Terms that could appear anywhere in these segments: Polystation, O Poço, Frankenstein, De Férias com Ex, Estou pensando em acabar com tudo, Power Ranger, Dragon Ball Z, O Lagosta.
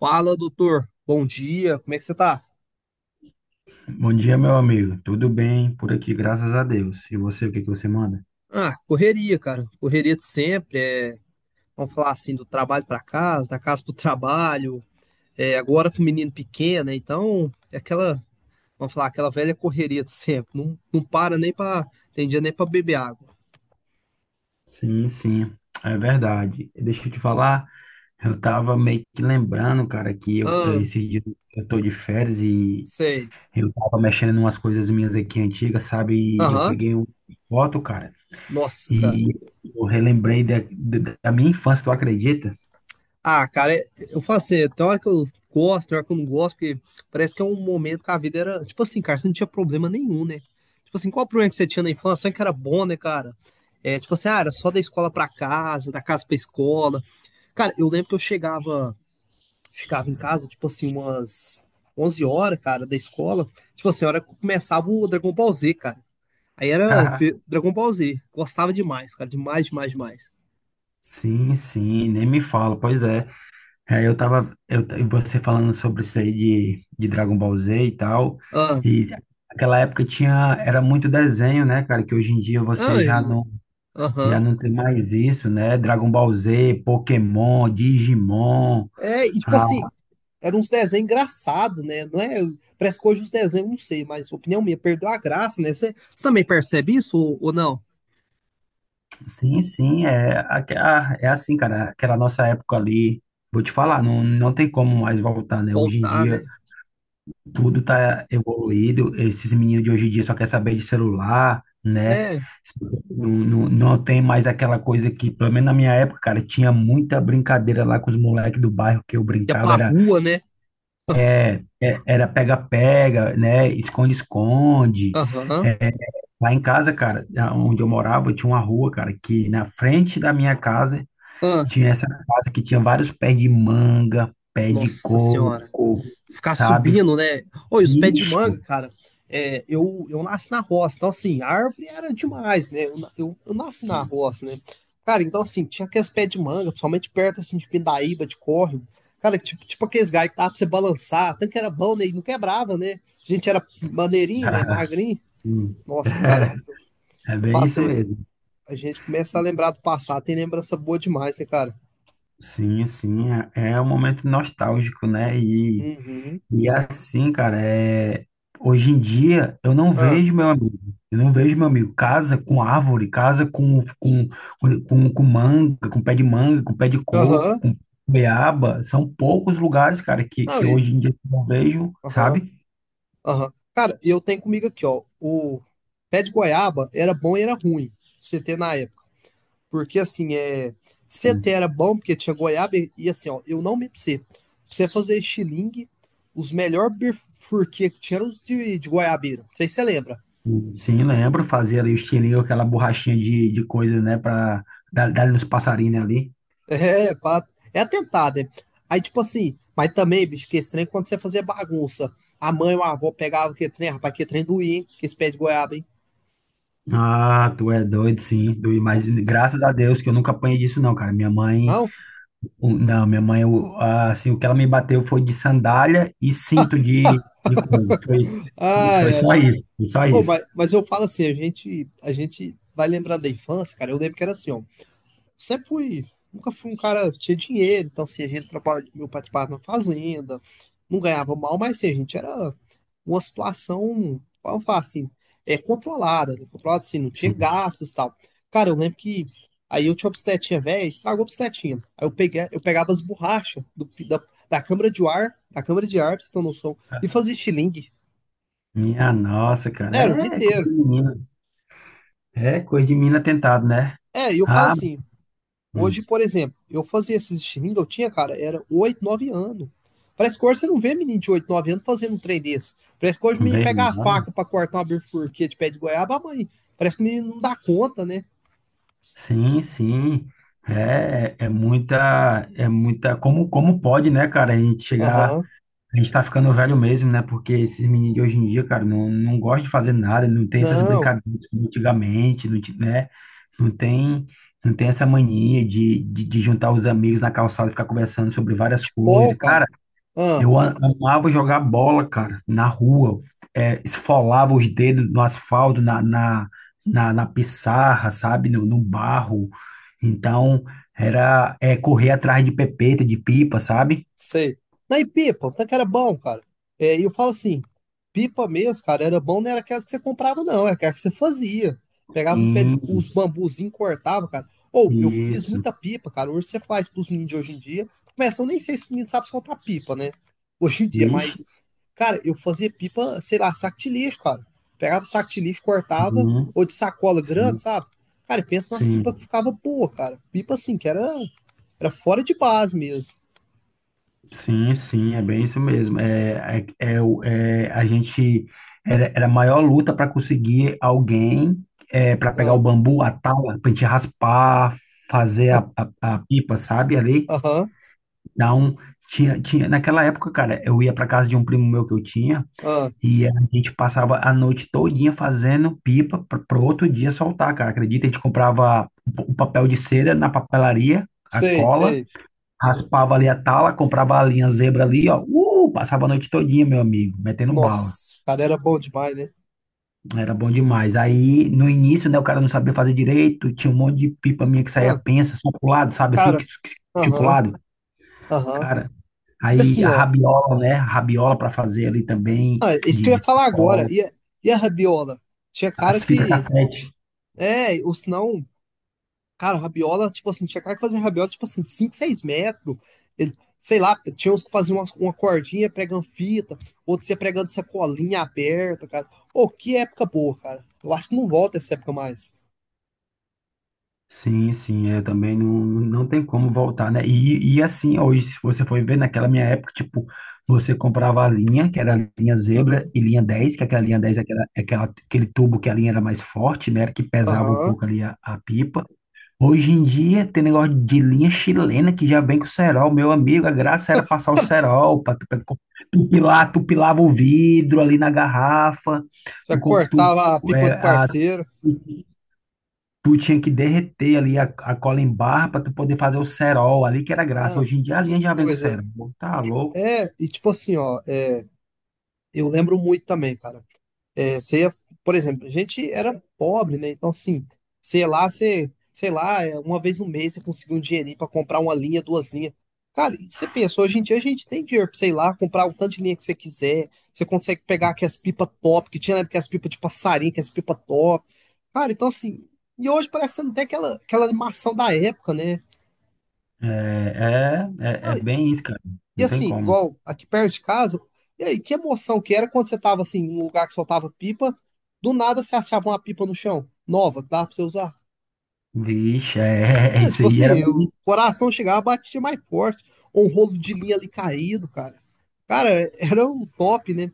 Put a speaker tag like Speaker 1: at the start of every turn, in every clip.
Speaker 1: Fala, doutor. Bom dia. Como é que você tá?
Speaker 2: Bom dia, meu amigo. Tudo bem por aqui, graças a Deus. E você, o que que você manda?
Speaker 1: Ah, correria, cara. Correria de sempre. Vamos falar assim, do trabalho pra casa, da casa pro trabalho. Agora com o menino pequeno, né? Então, é aquela, vamos falar, aquela velha correria de sempre. Não para nem pra, tem dia nem pra beber água.
Speaker 2: Sim, sim, é verdade. Deixa eu te falar, eu tava meio que lembrando, cara, que eu,
Speaker 1: Ah,
Speaker 2: esses dias eu tô de férias e
Speaker 1: sei.
Speaker 2: eu tava mexendo em umas coisas minhas aqui antigas, sabe? E eu
Speaker 1: Aham.
Speaker 2: peguei uma foto, cara,
Speaker 1: Nossa, cara.
Speaker 2: e eu relembrei da minha infância, tu acredita?
Speaker 1: Ah, cara, eu falo assim, tem hora que eu gosto, tem hora que eu não gosto, porque parece que é um momento que a vida era, tipo assim, cara, você não tinha problema nenhum, né? Tipo assim, qual o problema que você tinha na infância? Sabe que era bom, né, cara? É, tipo assim, ah, era só da escola pra casa, da casa pra escola. Cara, eu lembro que eu chegava, ficava em casa, tipo assim, umas 11 horas, cara, da escola. Tipo assim, a hora que começava o Dragon Ball Z, cara. Aí era ver Dragon Ball Z, gostava demais, cara, demais, demais, demais.
Speaker 2: Sim, sim, nem me fala, pois é. É, e você falando sobre isso aí de Dragon Ball Z e tal,
Speaker 1: Ah,
Speaker 2: e naquela época tinha, era muito desenho, né, cara, que hoje em dia você
Speaker 1: ah,
Speaker 2: já não, já
Speaker 1: aham.
Speaker 2: não tem mais isso, né, Dragon Ball Z, Pokémon, Digimon,
Speaker 1: É, e tipo
Speaker 2: ah,
Speaker 1: assim, era uns desenhos engraçados, né? Não é, parece que hoje os desenhos, não sei, mas opinião minha, perdeu a graça, né? Você também percebe isso ou não?
Speaker 2: sim, sim, é, é assim, cara, aquela nossa época ali, vou te falar, não, não tem como mais voltar, né, hoje em
Speaker 1: Voltar,
Speaker 2: dia.
Speaker 1: né?
Speaker 2: Tudo
Speaker 1: Uhum.
Speaker 2: tá evoluído. Esses meninos de hoje em dia só quer saber de celular, né?
Speaker 1: É,
Speaker 2: Não tem mais aquela coisa que, pelo menos na minha época, cara, tinha muita brincadeira lá com os moleques do bairro que eu
Speaker 1: ia
Speaker 2: brincava.
Speaker 1: pra
Speaker 2: Era
Speaker 1: rua, né?
Speaker 2: é, era pega-pega, né? Esconde-esconde.
Speaker 1: Aham.
Speaker 2: É, lá em casa, cara, onde eu morava, tinha uma rua, cara, que na frente da minha casa
Speaker 1: Ah,
Speaker 2: tinha essa casa que tinha vários pés de manga, pé de
Speaker 1: nossa senhora.
Speaker 2: coco,
Speaker 1: Ficar
Speaker 2: sabe?
Speaker 1: subindo, né? Oi, os pés de
Speaker 2: Ixi.
Speaker 1: manga, cara. É, eu nasci na roça, então assim, árvore era demais, né? Eu nasci na roça, né? Cara, então assim, tinha aqueles pés de manga, principalmente perto assim de Pindaíba, de córrego. Cara, tipo, tipo aqueles galhos que dava pra você balançar, tanto que era bom, né? E não quebrava, né? A gente era maneirinho, né? Magrinho.
Speaker 2: Sim.
Speaker 1: Nossa, cara,
Speaker 2: É
Speaker 1: eu
Speaker 2: bem
Speaker 1: falo
Speaker 2: isso
Speaker 1: assim,
Speaker 2: mesmo.
Speaker 1: a gente começa a lembrar do passado, tem lembrança boa demais, né, cara?
Speaker 2: Sim, sim, é um momento nostálgico, né? E,
Speaker 1: Uhum.
Speaker 2: e assim, cara, hoje em dia eu não
Speaker 1: Ah,
Speaker 2: vejo meu amigo, eu não vejo meu amigo. Casa com árvore, casa com manga, com pé de manga, com pé de coco,
Speaker 1: aham.
Speaker 2: com beaba. São poucos lugares, cara, que,
Speaker 1: Não,
Speaker 2: que
Speaker 1: e.
Speaker 2: hoje em dia eu não vejo,
Speaker 1: Aham.
Speaker 2: sabe?
Speaker 1: Aham. Cara, e eu tenho comigo aqui, ó. O pé de goiaba era bom e era ruim, CT na época. Porque assim, é. CT era bom porque tinha goiaba e, assim, ó, eu não me pra você. Pra você fazer estilingue, os melhores bifurquê que tinha eram os de goiabeira. Não sei se você lembra.
Speaker 2: Sim, lembro, fazia ali o estilingue, aquela borrachinha de coisa, né, pra dar nos passarinhos ali.
Speaker 1: É, pá, é atentado, né? Aí, tipo assim, mas também, bicho, que estranho quando você fazia bagunça. A mãe ou a avó pegava que trem, rapaz, que trem doía, hein? Que esse pé de goiaba, hein?
Speaker 2: Ah, tu é doido, sim. Mas
Speaker 1: Nossa.
Speaker 2: graças a Deus que eu nunca apanhei disso, não, cara. Minha mãe,
Speaker 1: Não?
Speaker 2: não, minha mãe, assim, o que ela me bateu foi de sandália e cinto de, de couro. Foi,
Speaker 1: Ai,
Speaker 2: foi
Speaker 1: ai.
Speaker 2: só isso, foi só
Speaker 1: Oh,
Speaker 2: isso.
Speaker 1: mas eu falo assim, a gente vai lembrar da infância, cara. Eu lembro que era assim, ó. Sempre fui, nunca fui um cara que tinha dinheiro, então assim, a gente trabalhava, meu pai trabalhava na fazenda, não ganhava mal, mas assim, a gente era uma situação, vamos falar assim, é controlada, né? Controlada assim, não tinha
Speaker 2: Sim.
Speaker 1: gastos e tal. Cara, eu lembro que aí eu tinha uma bicicletinha velha, estragou a bicicletinha. Aí eu peguei, eu pegava as borrachas da câmara de ar, da câmara de ar, pra você ter noção, e fazia estilingue.
Speaker 2: Minha nossa,
Speaker 1: Era o dia
Speaker 2: cara, é coisa
Speaker 1: inteiro.
Speaker 2: de menina. É coisa de menina tentado, né?
Speaker 1: É, e eu falo
Speaker 2: Ah,
Speaker 1: assim, hoje,
Speaker 2: hum,
Speaker 1: por exemplo, eu fazia esses streaming eu tinha, cara, era 8, 9 anos. Parece que hoje você não vê menino de 8, 9 anos fazendo um trem desse. Parece que hoje o menino pega
Speaker 2: bem,
Speaker 1: a
Speaker 2: olha.
Speaker 1: faca pra cortar uma bifurquia de pé de goiaba, ah, mãe. Parece que o menino não dá conta, né?
Speaker 2: Sim, sim. É muita, é muita. Como pode, né, cara, a gente chegar.
Speaker 1: Aham.
Speaker 2: A gente tá ficando velho mesmo, né? Porque esses meninos de hoje em dia, cara, não gostam de fazer nada, não tem essas
Speaker 1: Não,
Speaker 2: brincadeiras de antigamente, não, né? Não tem, não tem essa mania de juntar os amigos na calçada e ficar conversando sobre várias
Speaker 1: futebol,
Speaker 2: coisas. Cara,
Speaker 1: cara. Ah,
Speaker 2: eu amava jogar bola, cara, na rua, esfolava os dedos no asfalto, na pissarra, sabe? No barro. Então, correr atrás de pepeta, de pipa, sabe?
Speaker 1: sei. Não, e pipa, o tanque era bom, cara. É, e eu falo assim, pipa mesmo, cara, era bom, não era aquelas que você comprava, não, era aquelas que você fazia. Pegava um pé, os
Speaker 2: Sim,
Speaker 1: bambuzinhos, cortava, cara. Ou, eu fiz
Speaker 2: isso.
Speaker 1: muita pipa, cara. Hoje você faz pros meninos de hoje em dia. Começa, eu nem sei se os meninos sabem soltar pipa, né? Hoje em dia,
Speaker 2: Vixe,
Speaker 1: mas, cara, eu fazia pipa, sei lá, saco de lixo, cara. Pegava saco de lixo, cortava,
Speaker 2: uhum,
Speaker 1: ou de sacola grande,
Speaker 2: sim,
Speaker 1: sabe? Cara, e pensa nas pipas que
Speaker 2: sim,
Speaker 1: ficava boa, cara. Pipa assim, que era, era fora de base mesmo.
Speaker 2: sim, sim, é bem isso mesmo. A gente era a maior luta para conseguir alguém, para pegar o bambu, a tala, para a gente raspar, fazer
Speaker 1: Ah.
Speaker 2: a pipa, sabe? Ali.
Speaker 1: Aham,
Speaker 2: Então, tinha, naquela época, cara, eu ia para casa de um primo meu que eu tinha
Speaker 1: ah,
Speaker 2: e a gente passava a noite todinha fazendo pipa para outro dia soltar, cara. Acredita? A gente comprava o papel de cera na papelaria, a
Speaker 1: sei,
Speaker 2: cola.
Speaker 1: sei.
Speaker 2: Raspava ali a tala, comprava a linha zebra ali, ó. Passava a noite todinha, meu amigo, metendo bala.
Speaker 1: Nossa, cara, era bom demais, né?
Speaker 2: Era bom demais. Aí, no início, né, o cara não sabia fazer direito, tinha um monte de pipa minha que saía
Speaker 1: Não,
Speaker 2: pensa, só pro lado, sabe assim,
Speaker 1: cara,
Speaker 2: tipo pro
Speaker 1: aham,
Speaker 2: lado.
Speaker 1: aham.
Speaker 2: Cara,
Speaker 1: E
Speaker 2: aí
Speaker 1: assim,
Speaker 2: a
Speaker 1: ó,
Speaker 2: rabiola, né, a rabiola pra fazer ali também,
Speaker 1: ah, é isso que
Speaker 2: de,
Speaker 1: eu ia
Speaker 2: de
Speaker 1: falar agora.
Speaker 2: cola.
Speaker 1: E a rabiola? Tinha cara
Speaker 2: As fitas
Speaker 1: que.
Speaker 2: cassete.
Speaker 1: É, ou senão, cara, rabiola, tipo assim, tinha cara que fazia rabiola, tipo assim, 5 6 metros. Sei lá, tinha uns que faziam uma cordinha pregando fita, outros ia pregando sacolinha aberta, cara. Ô, que época boa, cara. Eu acho que não volta essa época mais.
Speaker 2: Sim, sim, é também não tem como voltar, né? E assim, hoje, se você for ver, naquela minha época, tipo, você comprava a linha, que era a linha zebra,
Speaker 1: Aham,
Speaker 2: e linha 10 que aquela linha 10 aquele tubo que a linha era mais forte, né? Que pesava um
Speaker 1: aham.
Speaker 2: pouco ali a pipa. Hoje em dia, tem negócio de linha chilena que já vem com cerol. Meu amigo, a graça era passar o cerol, pra, tu pilar, tu pilava o vidro ali na garrafa,
Speaker 1: Já
Speaker 2: tu, co- tu,
Speaker 1: cortava a pipa
Speaker 2: é,
Speaker 1: do
Speaker 2: a,
Speaker 1: parceiro.
Speaker 2: Tu tinha que derreter ali a cola em barra para tu poder fazer o cerol ali, que era graça.
Speaker 1: Não,
Speaker 2: Hoje em dia a linha
Speaker 1: que
Speaker 2: já vem com
Speaker 1: coisa.
Speaker 2: cerol. Tá louco?
Speaker 1: É, e tipo assim, ó, é, eu lembro muito também, cara. É, você ia, por exemplo, a gente era pobre, né? Então, assim, sei lá, você, sei lá, é, uma vez no mês você conseguia um dinheirinho pra comprar uma linha, duas linhas. Cara, e você pensa, hoje em dia a gente tem dinheiro pra, sei lá, comprar o tanto de linha que você quiser. Você consegue pegar aquelas as pipas top, que tinha na época as pipas de passarinho, que as pipas top. Cara, então assim, e hoje parece que você não tem aquela, aquela animação da época, né?
Speaker 2: É
Speaker 1: Não,
Speaker 2: bem isso, cara.
Speaker 1: e
Speaker 2: Não tem
Speaker 1: assim,
Speaker 2: como.
Speaker 1: igual aqui perto de casa, e aí, que emoção que era quando você tava assim, num lugar que soltava pipa, do nada você achava uma pipa no chão, nova, que dava pra você usar.
Speaker 2: Vixe,
Speaker 1: É,
Speaker 2: isso
Speaker 1: tipo
Speaker 2: aí era
Speaker 1: assim,
Speaker 2: bem
Speaker 1: o
Speaker 2: difícil.
Speaker 1: coração chegava, batia mais forte, ou um rolo de linha ali caído, cara. Cara, era o top, né?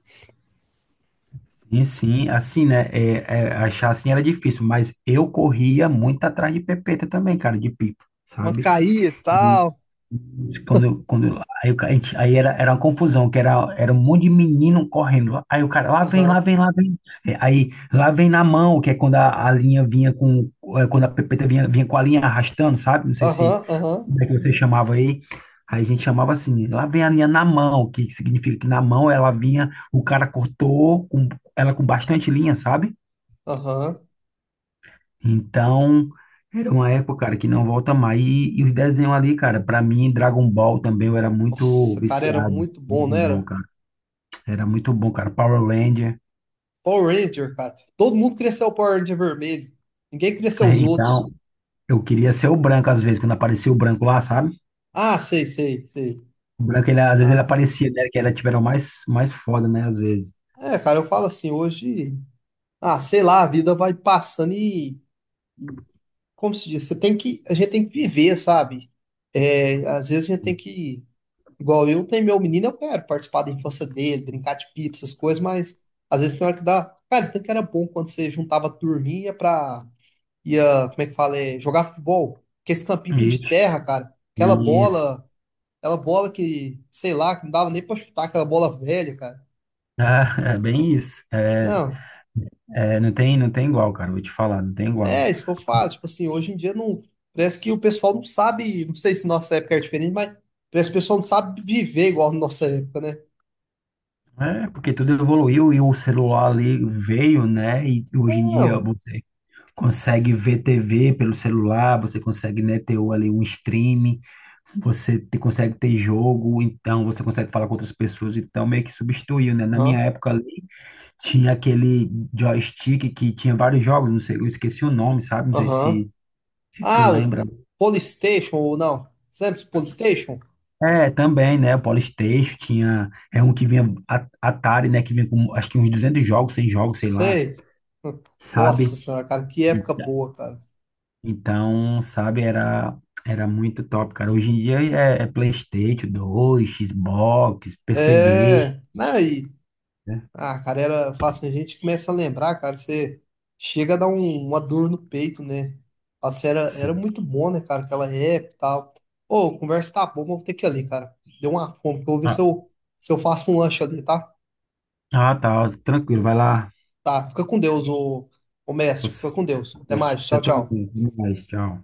Speaker 2: Sim, sim, assim, né? Achar assim era difícil, mas eu corria muito atrás de pepeta também, cara, de pipa,
Speaker 1: Quando
Speaker 2: sabe?
Speaker 1: caía e tal.
Speaker 2: Aí, o ca- a gente- aí era, era uma confusão, que era um monte de menino correndo. Aí o cara, lá vem, lá
Speaker 1: Aham,
Speaker 2: vem, lá vem. Aí, lá vem na mão, que é quando a linha vinha com, quando a pepeta vinha com a linha arrastando, sabe? Não sei se,
Speaker 1: aham, aham,
Speaker 2: como é que você chamava aí. Aí a gente chamava assim, lá vem a linha na mão, que significa que na mão ela vinha, o cara cortou, ela com bastante linha, sabe?
Speaker 1: aham.
Speaker 2: Então, era uma época, cara, que não volta mais. E os desenhos ali, cara, pra mim, Dragon Ball também, eu era muito
Speaker 1: Nossa, cara, era
Speaker 2: viciado.
Speaker 1: muito bom, não
Speaker 2: Dragon Ball,
Speaker 1: era?
Speaker 2: cara. Era muito bom, cara. Power Ranger.
Speaker 1: Power Ranger, cara. Todo mundo cresceu o Power Ranger vermelho. Ninguém cresceu os outros.
Speaker 2: Então, eu queria ser o branco às vezes, quando aparecia o branco lá, sabe?
Speaker 1: Ah, sei, sei, sei.
Speaker 2: O branco, ele, às vezes ele
Speaker 1: Ah,
Speaker 2: aparecia, né? Que tipo, era o mais, mais foda, né? Às vezes.
Speaker 1: é, cara, eu falo assim, hoje, ah, sei lá, a vida vai passando e, como se diz, você tem que, a gente tem que viver, sabe? É, às vezes a gente tem que, igual eu tenho meu menino, eu quero participar da infância dele, brincar de pipa, essas coisas, mas às vezes tem hora que dá, cara, tanto que era bom quando você juntava a turminha pra, ia, como é que fala, é, jogar futebol, porque esse campinho tudo de
Speaker 2: E,
Speaker 1: terra, cara,
Speaker 2: isso.
Speaker 1: aquela bola que, sei lá, que não dava nem pra chutar, aquela bola velha, cara.
Speaker 2: Ah, é bem isso. É,
Speaker 1: Não,
Speaker 2: é, não tem, não tem igual, cara. Vou te falar, não tem igual.
Speaker 1: é, isso que eu falo. Tipo assim, hoje em dia não. Parece que o pessoal não sabe. Não sei se nossa época é diferente, mas parece que o pessoal não sabe viver igual na nossa época, né?
Speaker 2: É, porque tudo evoluiu e o celular ali veio, né? E hoje em dia
Speaker 1: Não.
Speaker 2: você consegue ver TV pelo celular, você consegue, né, ter ali um stream, você consegue ter jogo, então você consegue falar com outras pessoas, então meio que substituiu, né? Na minha
Speaker 1: Aham.
Speaker 2: época ali tinha aquele joystick que tinha vários jogos, não sei, eu esqueci o nome, sabe? Não sei
Speaker 1: Aham.
Speaker 2: se tu
Speaker 1: Ah, o
Speaker 2: lembra.
Speaker 1: Polystation ou não? Sempre os Polystation?
Speaker 2: É, também, né? O PlayStation tinha, é um que vinha Atari, né, que vinha com acho que uns 200 jogos, 100 jogos, sei lá,
Speaker 1: Sei. Hum, Nossa
Speaker 2: sabe?
Speaker 1: senhora, cara, que época boa, cara.
Speaker 2: Então, sabe, era muito top, cara. Hoje em dia é PlayStation 2 Xbox, PC Game,
Speaker 1: É. Né?
Speaker 2: né?
Speaker 1: Ah, cara, era, fácil. A gente começa a lembrar, cara, você chega a dar uma dor no peito, né? Fala assim, era, era
Speaker 2: Sim.
Speaker 1: muito bom, né, cara, aquela época e tal. Ô, a conversa tá boa, mas vou ter que ir ali, cara. Deu uma fome, que eu vou ver se
Speaker 2: Ah,
Speaker 1: eu, se eu faço um lanche ali, tá?
Speaker 2: tá, tranquilo, vai lá.
Speaker 1: Tá, fica com Deus, ô, ô mestre, fica
Speaker 2: Você,
Speaker 1: com Deus. Até mais,
Speaker 2: você
Speaker 1: tchau, tchau.
Speaker 2: também. Até mais, tchau.